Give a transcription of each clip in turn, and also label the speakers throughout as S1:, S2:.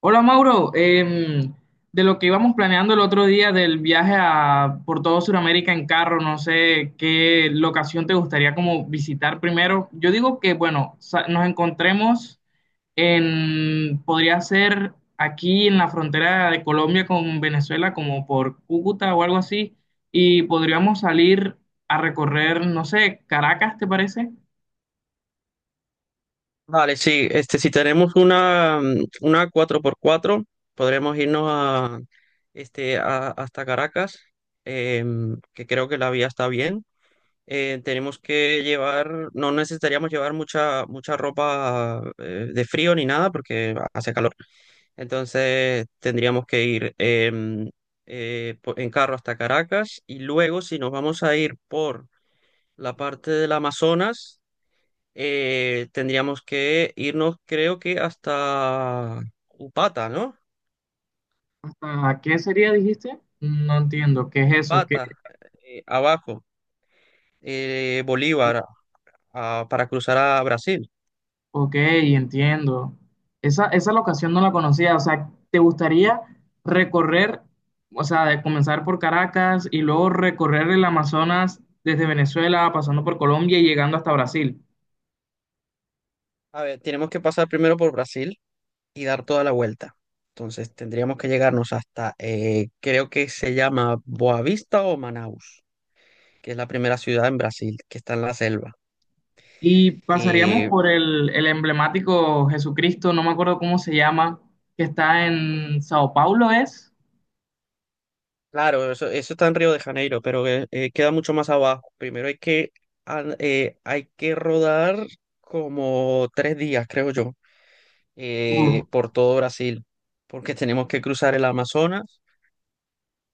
S1: Hola Mauro, de lo que íbamos planeando el otro día del viaje a, por todo Sudamérica en carro, no sé qué locación te gustaría como visitar primero. Yo digo que, bueno, nos encontremos en, podría ser aquí en la frontera de Colombia con Venezuela, como por Cúcuta o algo así, y podríamos salir a recorrer, no sé, Caracas, ¿te parece?
S2: Vale, sí, este, si tenemos una, una cuatro por cuatro podremos irnos a, hasta Caracas, que creo que la vía está bien. No necesitaríamos llevar mucha ropa de frío ni nada porque hace calor. Entonces tendríamos que ir en carro hasta Caracas, y luego si nos vamos a ir por la parte del Amazonas, tendríamos que irnos, creo que hasta Upata, ¿no?
S1: ¿Hasta qué sería, dijiste? No entiendo, ¿qué es eso? ¿Qué?
S2: Upata, abajo, Bolívar, para cruzar a Brasil.
S1: Ok, entiendo. Esa locación no la conocía. O sea, ¿te gustaría recorrer, o sea, de comenzar por Caracas y luego recorrer el Amazonas desde Venezuela, pasando por Colombia y llegando hasta Brasil?
S2: A ver, tenemos que pasar primero por Brasil y dar toda la vuelta. Entonces tendríamos que llegarnos hasta, creo que se llama Boavista o Manaus, que es la primera ciudad en Brasil, que está en la selva.
S1: Y pasaríamos
S2: Eh,
S1: por el emblemático Jesucristo, no me acuerdo cómo se llama, que está en Sao Paulo, ¿es?
S2: Claro, eso está en Río de Janeiro, pero queda mucho más abajo. Primero hay que, hay que rodar como tres días, creo yo,
S1: Uf,
S2: por todo Brasil, porque tenemos que cruzar el Amazonas.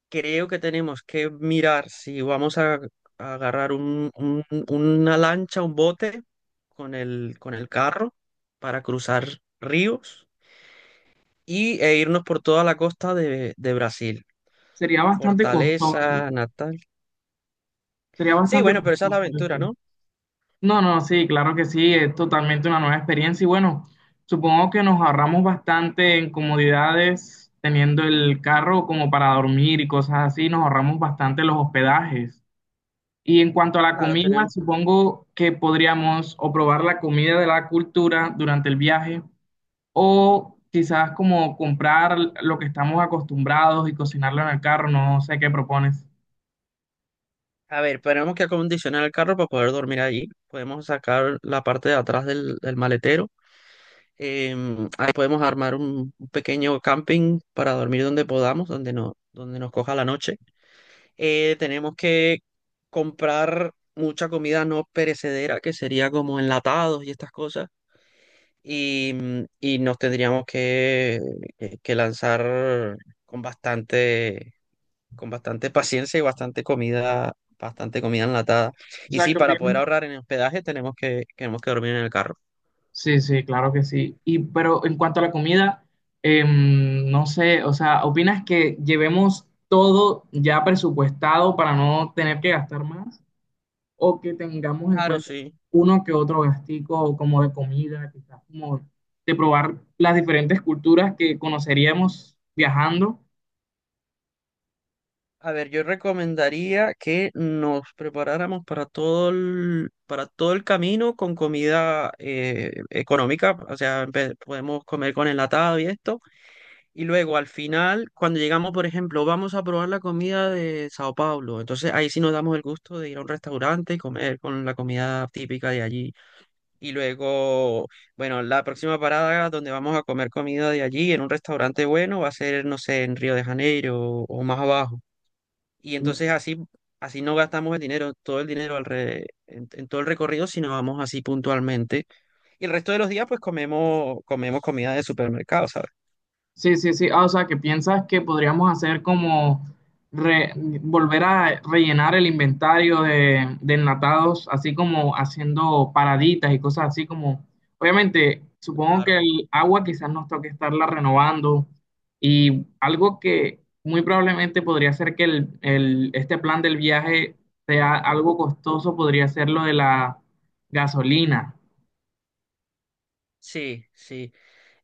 S2: Creo que tenemos que mirar si vamos a agarrar una lancha, un bote con el carro para cruzar ríos y, e irnos por toda la costa de Brasil.
S1: sería bastante costoso.
S2: Fortaleza, Natal.
S1: Sería
S2: Sí,
S1: bastante
S2: bueno, pero esa es la
S1: costoso
S2: aventura,
S1: eso.
S2: ¿no?
S1: No, no, sí, claro que sí, es totalmente una nueva experiencia y bueno, supongo que nos ahorramos bastante en comodidades teniendo el carro como para dormir y cosas así, nos ahorramos bastante los hospedajes. Y en cuanto a la
S2: Claro,
S1: comida,
S2: tenemos.
S1: supongo que podríamos o probar la comida de la cultura durante el viaje o quizás como comprar lo que estamos acostumbrados y cocinarlo en el carro, no sé qué propones.
S2: A ver, tenemos que acondicionar el carro para poder dormir allí. Podemos sacar la parte de atrás del, del maletero. Ahí podemos armar un pequeño camping para dormir donde podamos, donde, no, donde nos coja la noche. Tenemos que comprar mucha comida no perecedera, que sería como enlatados y estas cosas. Y, y nos tendríamos que, que lanzar con bastante, con bastante paciencia y bastante comida enlatada.
S1: O
S2: Y
S1: sea,
S2: sí,
S1: ¿qué
S2: para poder
S1: opinas?
S2: ahorrar en hospedaje tenemos que dormir en el carro.
S1: Sí, sí, claro que sí. Y pero en cuanto a la comida, no sé, o sea, ¿opinas que llevemos todo ya presupuestado para no tener que gastar más? ¿O que tengamos en
S2: Claro,
S1: cuenta
S2: sí.
S1: uno que otro gastico como de comida, quizás como de probar las diferentes culturas que conoceríamos viajando?
S2: A ver, yo recomendaría que nos preparáramos para todo el camino con comida económica, o sea, podemos comer con enlatado y esto, y luego al final, cuando llegamos, por ejemplo, vamos a probar la comida de Sao Paulo, entonces ahí sí nos damos el gusto de ir a un restaurante y comer con la comida típica de allí. Y luego, bueno, la próxima parada donde vamos a comer comida de allí, en un restaurante bueno, va a ser, no sé, en Río de Janeiro o más abajo. Y entonces así, así no gastamos el dinero, todo el dinero en todo el recorrido, sino vamos así puntualmente. Y el resto de los días, pues comemos, comemos comida de supermercado, ¿sabes?
S1: Sí, sí, sí. Ah, o sea, que piensas que podríamos hacer como re- volver a rellenar el inventario de enlatados, así como haciendo paraditas y cosas así como, obviamente, supongo que
S2: Claro.
S1: el agua quizás nos toque estarla renovando y algo que muy probablemente podría ser que este plan del viaje sea algo costoso, podría ser lo de la gasolina.
S2: Sí, sí.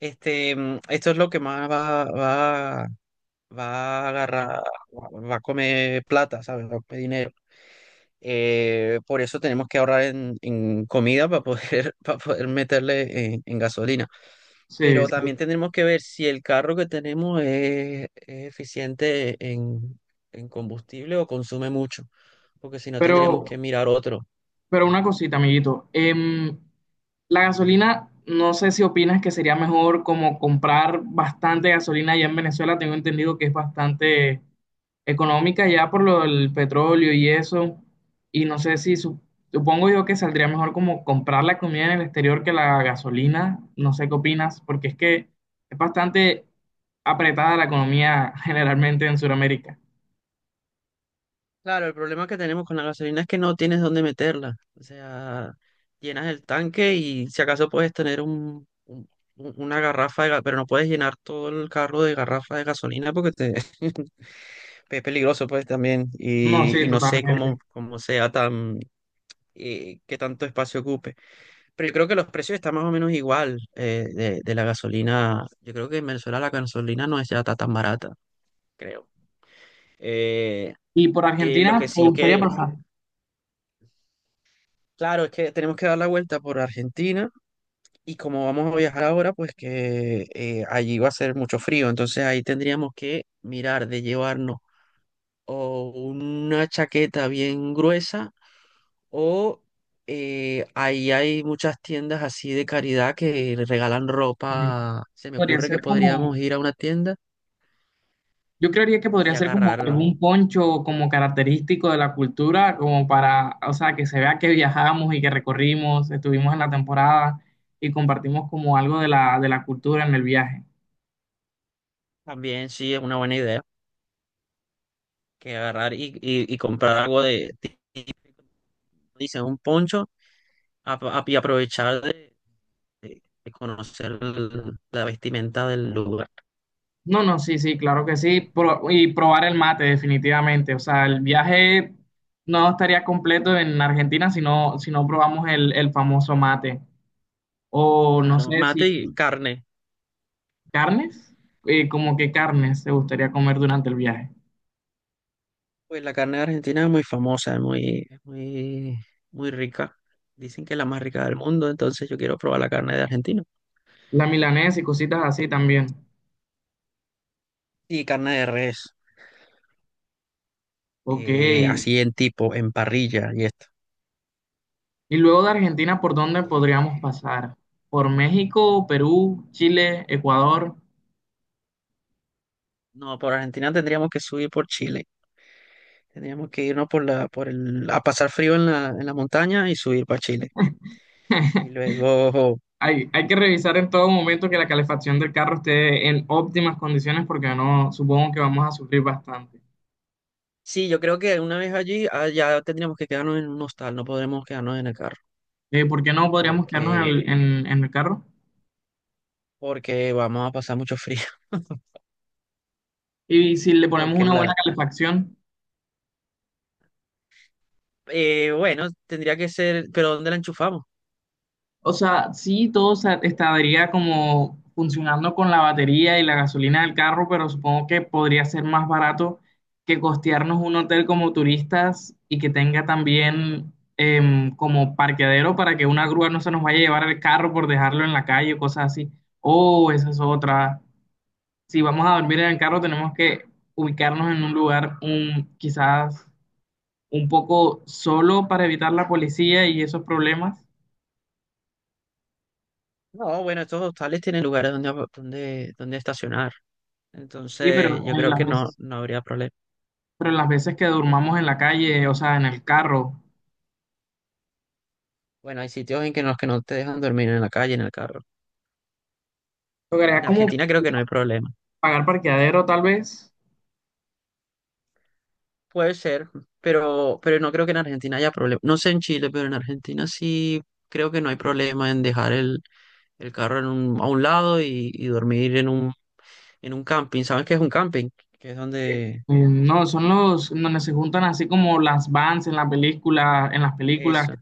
S2: Este, esto es lo que más va, va, va a agarrar, va a comer plata, ¿sabes? Va a comer dinero. Por eso tenemos que ahorrar en comida para poder, para poder meterle en gasolina.
S1: Sí,
S2: Pero
S1: sí.
S2: también tendremos que ver si el carro que tenemos es eficiente en combustible o consume mucho, porque si no
S1: Pero...
S2: tendríamos que mirar otro.
S1: Pero una cosita, amiguito. La gasolina, no sé si opinas que sería mejor como comprar bastante gasolina allá en Venezuela. Tengo entendido que es bastante económica ya por lo del petróleo y eso. Y no sé si supongo yo que saldría mejor como comprar la comida en el exterior que la gasolina. No sé qué opinas, porque es que es bastante apretada la economía generalmente en Sudamérica.
S2: Claro, el problema que tenemos con la gasolina es que no tienes dónde meterla. O sea, llenas el tanque y si acaso puedes tener un, una garrafa de, pero no puedes llenar todo el carro de garrafa de gasolina porque te, es peligroso pues también
S1: No, sí,
S2: y no sé
S1: totalmente.
S2: cómo, cómo sea tan, qué tanto espacio ocupe. Pero yo creo que los precios están más o menos igual de la gasolina. Yo creo que en Venezuela la gasolina no es ya tan barata, creo. Eh,
S1: Y por
S2: lo que
S1: Argentina, me
S2: sí
S1: gustaría
S2: que,
S1: pasar.
S2: claro, es que tenemos que dar la vuelta por Argentina, y como vamos a viajar ahora, pues que allí va a ser mucho frío. Entonces ahí tendríamos que mirar de llevarnos o una chaqueta bien gruesa, o ahí hay muchas tiendas así de caridad que le regalan
S1: Sí.
S2: ropa. Se me
S1: Podría
S2: ocurre que
S1: ser
S2: podríamos
S1: como,
S2: ir a una tienda
S1: yo creería que podría
S2: y
S1: ser como
S2: agarrar
S1: algún poncho como característico de la cultura, como para, o sea, que se vea que viajamos y que recorrimos, estuvimos en la temporada y compartimos como algo de la cultura en el viaje.
S2: también, sí, es una buena idea, que agarrar y, y comprar algo de, típico, dicen, un poncho a- y aprovechar de, de conocer la vestimenta del lugar.
S1: No, no, sí, sí, claro que sí. Y probar el mate, definitivamente. O sea, el viaje no estaría completo en Argentina si no, si no probamos el famoso mate. O no
S2: Claro,
S1: sé si
S2: mate y carne.
S1: carnes, como que carnes se gustaría comer durante el viaje.
S2: Pues la carne de Argentina es muy famosa, es muy, muy rica. Dicen que es la más rica del mundo, entonces yo quiero probar la carne de Argentina.
S1: La milanesa y cositas así también.
S2: Y carne de res,
S1: Ok. Sí.
S2: así en tipo, en parrilla y esto.
S1: Y luego de Argentina, ¿por dónde podríamos pasar? ¿Por México, Perú, Chile, Ecuador?
S2: No, por Argentina tendríamos que subir por Chile. Tendríamos que irnos por la, por el, a pasar frío en la montaña y subir para Chile. Y luego,
S1: Hay que revisar en todo momento que la calefacción del carro esté en óptimas condiciones porque no, supongo que vamos a sufrir bastante.
S2: sí, yo creo que una vez allí, ah, ya tendríamos que quedarnos en un hostal, no podremos quedarnos en el carro,
S1: ¿Por qué no podríamos quedarnos en
S2: porque,
S1: el, en el carro?
S2: porque vamos a pasar mucho frío,
S1: Y si le ponemos
S2: porque
S1: una buena
S2: la,
S1: calefacción.
S2: Bueno, tendría que ser, pero ¿dónde la enchufamos?
S1: O sea, sí, estaría como funcionando con la batería y la gasolina del carro, pero supongo que podría ser más barato que costearnos un hotel como turistas y que tenga también como parqueadero para que una grúa no se nos vaya a llevar el carro por dejarlo en la calle o cosas así. Oh, esa es otra. Si vamos a dormir en el carro, tenemos que ubicarnos en un lugar un, quizás un poco solo para evitar la policía y esos problemas.
S2: No, bueno, estos hostales tienen lugares donde, donde, donde estacionar.
S1: Sí,
S2: Entonces, yo creo que no, no habría problema.
S1: pero las veces que durmamos en la calle, o sea, en el carro,
S2: Bueno, hay sitios en que los que no te dejan dormir en la calle, en el carro.
S1: lograría
S2: En
S1: como
S2: Argentina creo que no hay problema.
S1: pagar parqueadero tal vez.
S2: Puede ser, pero no creo que en Argentina haya problema. No sé en Chile, pero en Argentina sí creo que no hay problema en dejar el carro en un, a un lado y dormir en un camping. ¿Sabes qué es un camping? Que es
S1: Eh,
S2: donde...
S1: no, son los donde se juntan así como las vans en la película, en las películas, que
S2: Eso.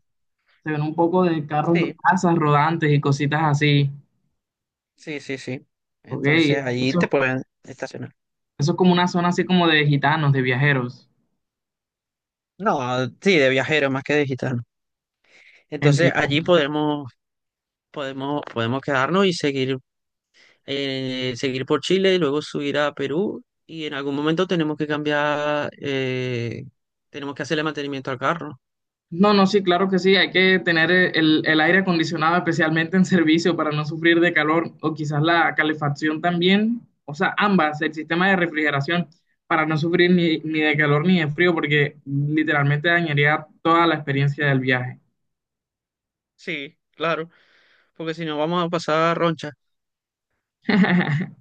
S1: se ven un poco de carros,
S2: Sí,
S1: casas rodantes y cositas así.
S2: sí, sí, sí.
S1: Ok,
S2: Entonces allí te
S1: eso,
S2: pueden estacionar.
S1: eso es como una zona así como de gitanos, de viajeros.
S2: No, sí, de viajero más que de gitano. Entonces
S1: Entiendo.
S2: allí podemos, podemos, podemos quedarnos y seguir, seguir por Chile y luego subir a Perú. Y en algún momento tenemos que cambiar, tenemos que hacerle mantenimiento al carro.
S1: No, no, sí, claro que sí, hay que tener el aire acondicionado especialmente en servicio para no sufrir de calor o quizás la calefacción también, o sea, ambas, el sistema de refrigeración para no sufrir ni, ni de calor ni de frío porque literalmente dañaría toda la experiencia del viaje.
S2: Sí, claro, porque si no vamos a pasar roncha.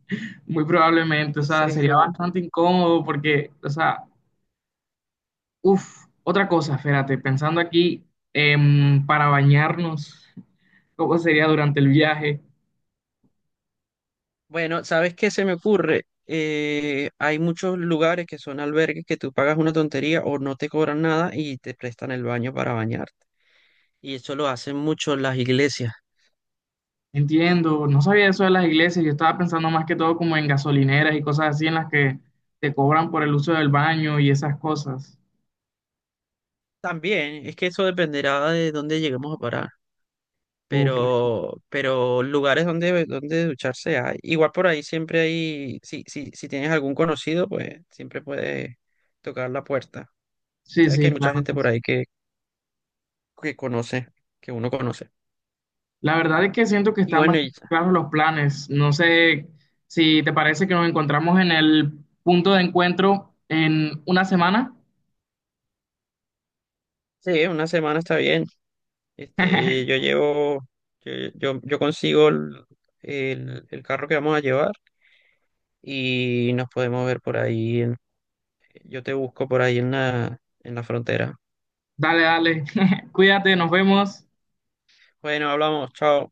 S1: Muy probablemente, o sea,
S2: Entonces,
S1: sería
S2: coño.
S1: bastante incómodo porque, o sea, uff, otra cosa, espérate, pensando aquí para bañarnos, ¿cómo sería durante el viaje?
S2: Bueno, ¿sabes qué se me ocurre? Hay muchos lugares que son albergues que tú pagas una tontería o no te cobran nada y te prestan el baño para bañarte. Y eso lo hacen mucho las iglesias.
S1: Entiendo, no sabía eso de las iglesias, yo estaba pensando más que todo como en gasolineras y cosas así en las que te cobran por el uso del baño y esas cosas.
S2: También, es que eso dependerá de dónde lleguemos a parar.
S1: Uf,
S2: Pero lugares donde, donde ducharse hay. Igual por ahí siempre hay, si, si, si tienes algún conocido, pues siempre puedes tocar la puerta.
S1: sí,
S2: Sabes que
S1: sí,
S2: hay mucha
S1: claro.
S2: gente por ahí que conoce, que uno conoce.
S1: La verdad es que siento que
S2: Y
S1: están
S2: bueno,
S1: bastante claros los planes. No sé si te parece que nos encontramos en el punto de encuentro en una semana.
S2: sí, una semana está bien. Este, yo llevo, yo consigo el, el carro que vamos a llevar y nos podemos ver por ahí. Yo te busco por ahí en la frontera.
S1: Dale, dale. Cuídate, nos vemos.
S2: Bueno, hablamos, chao.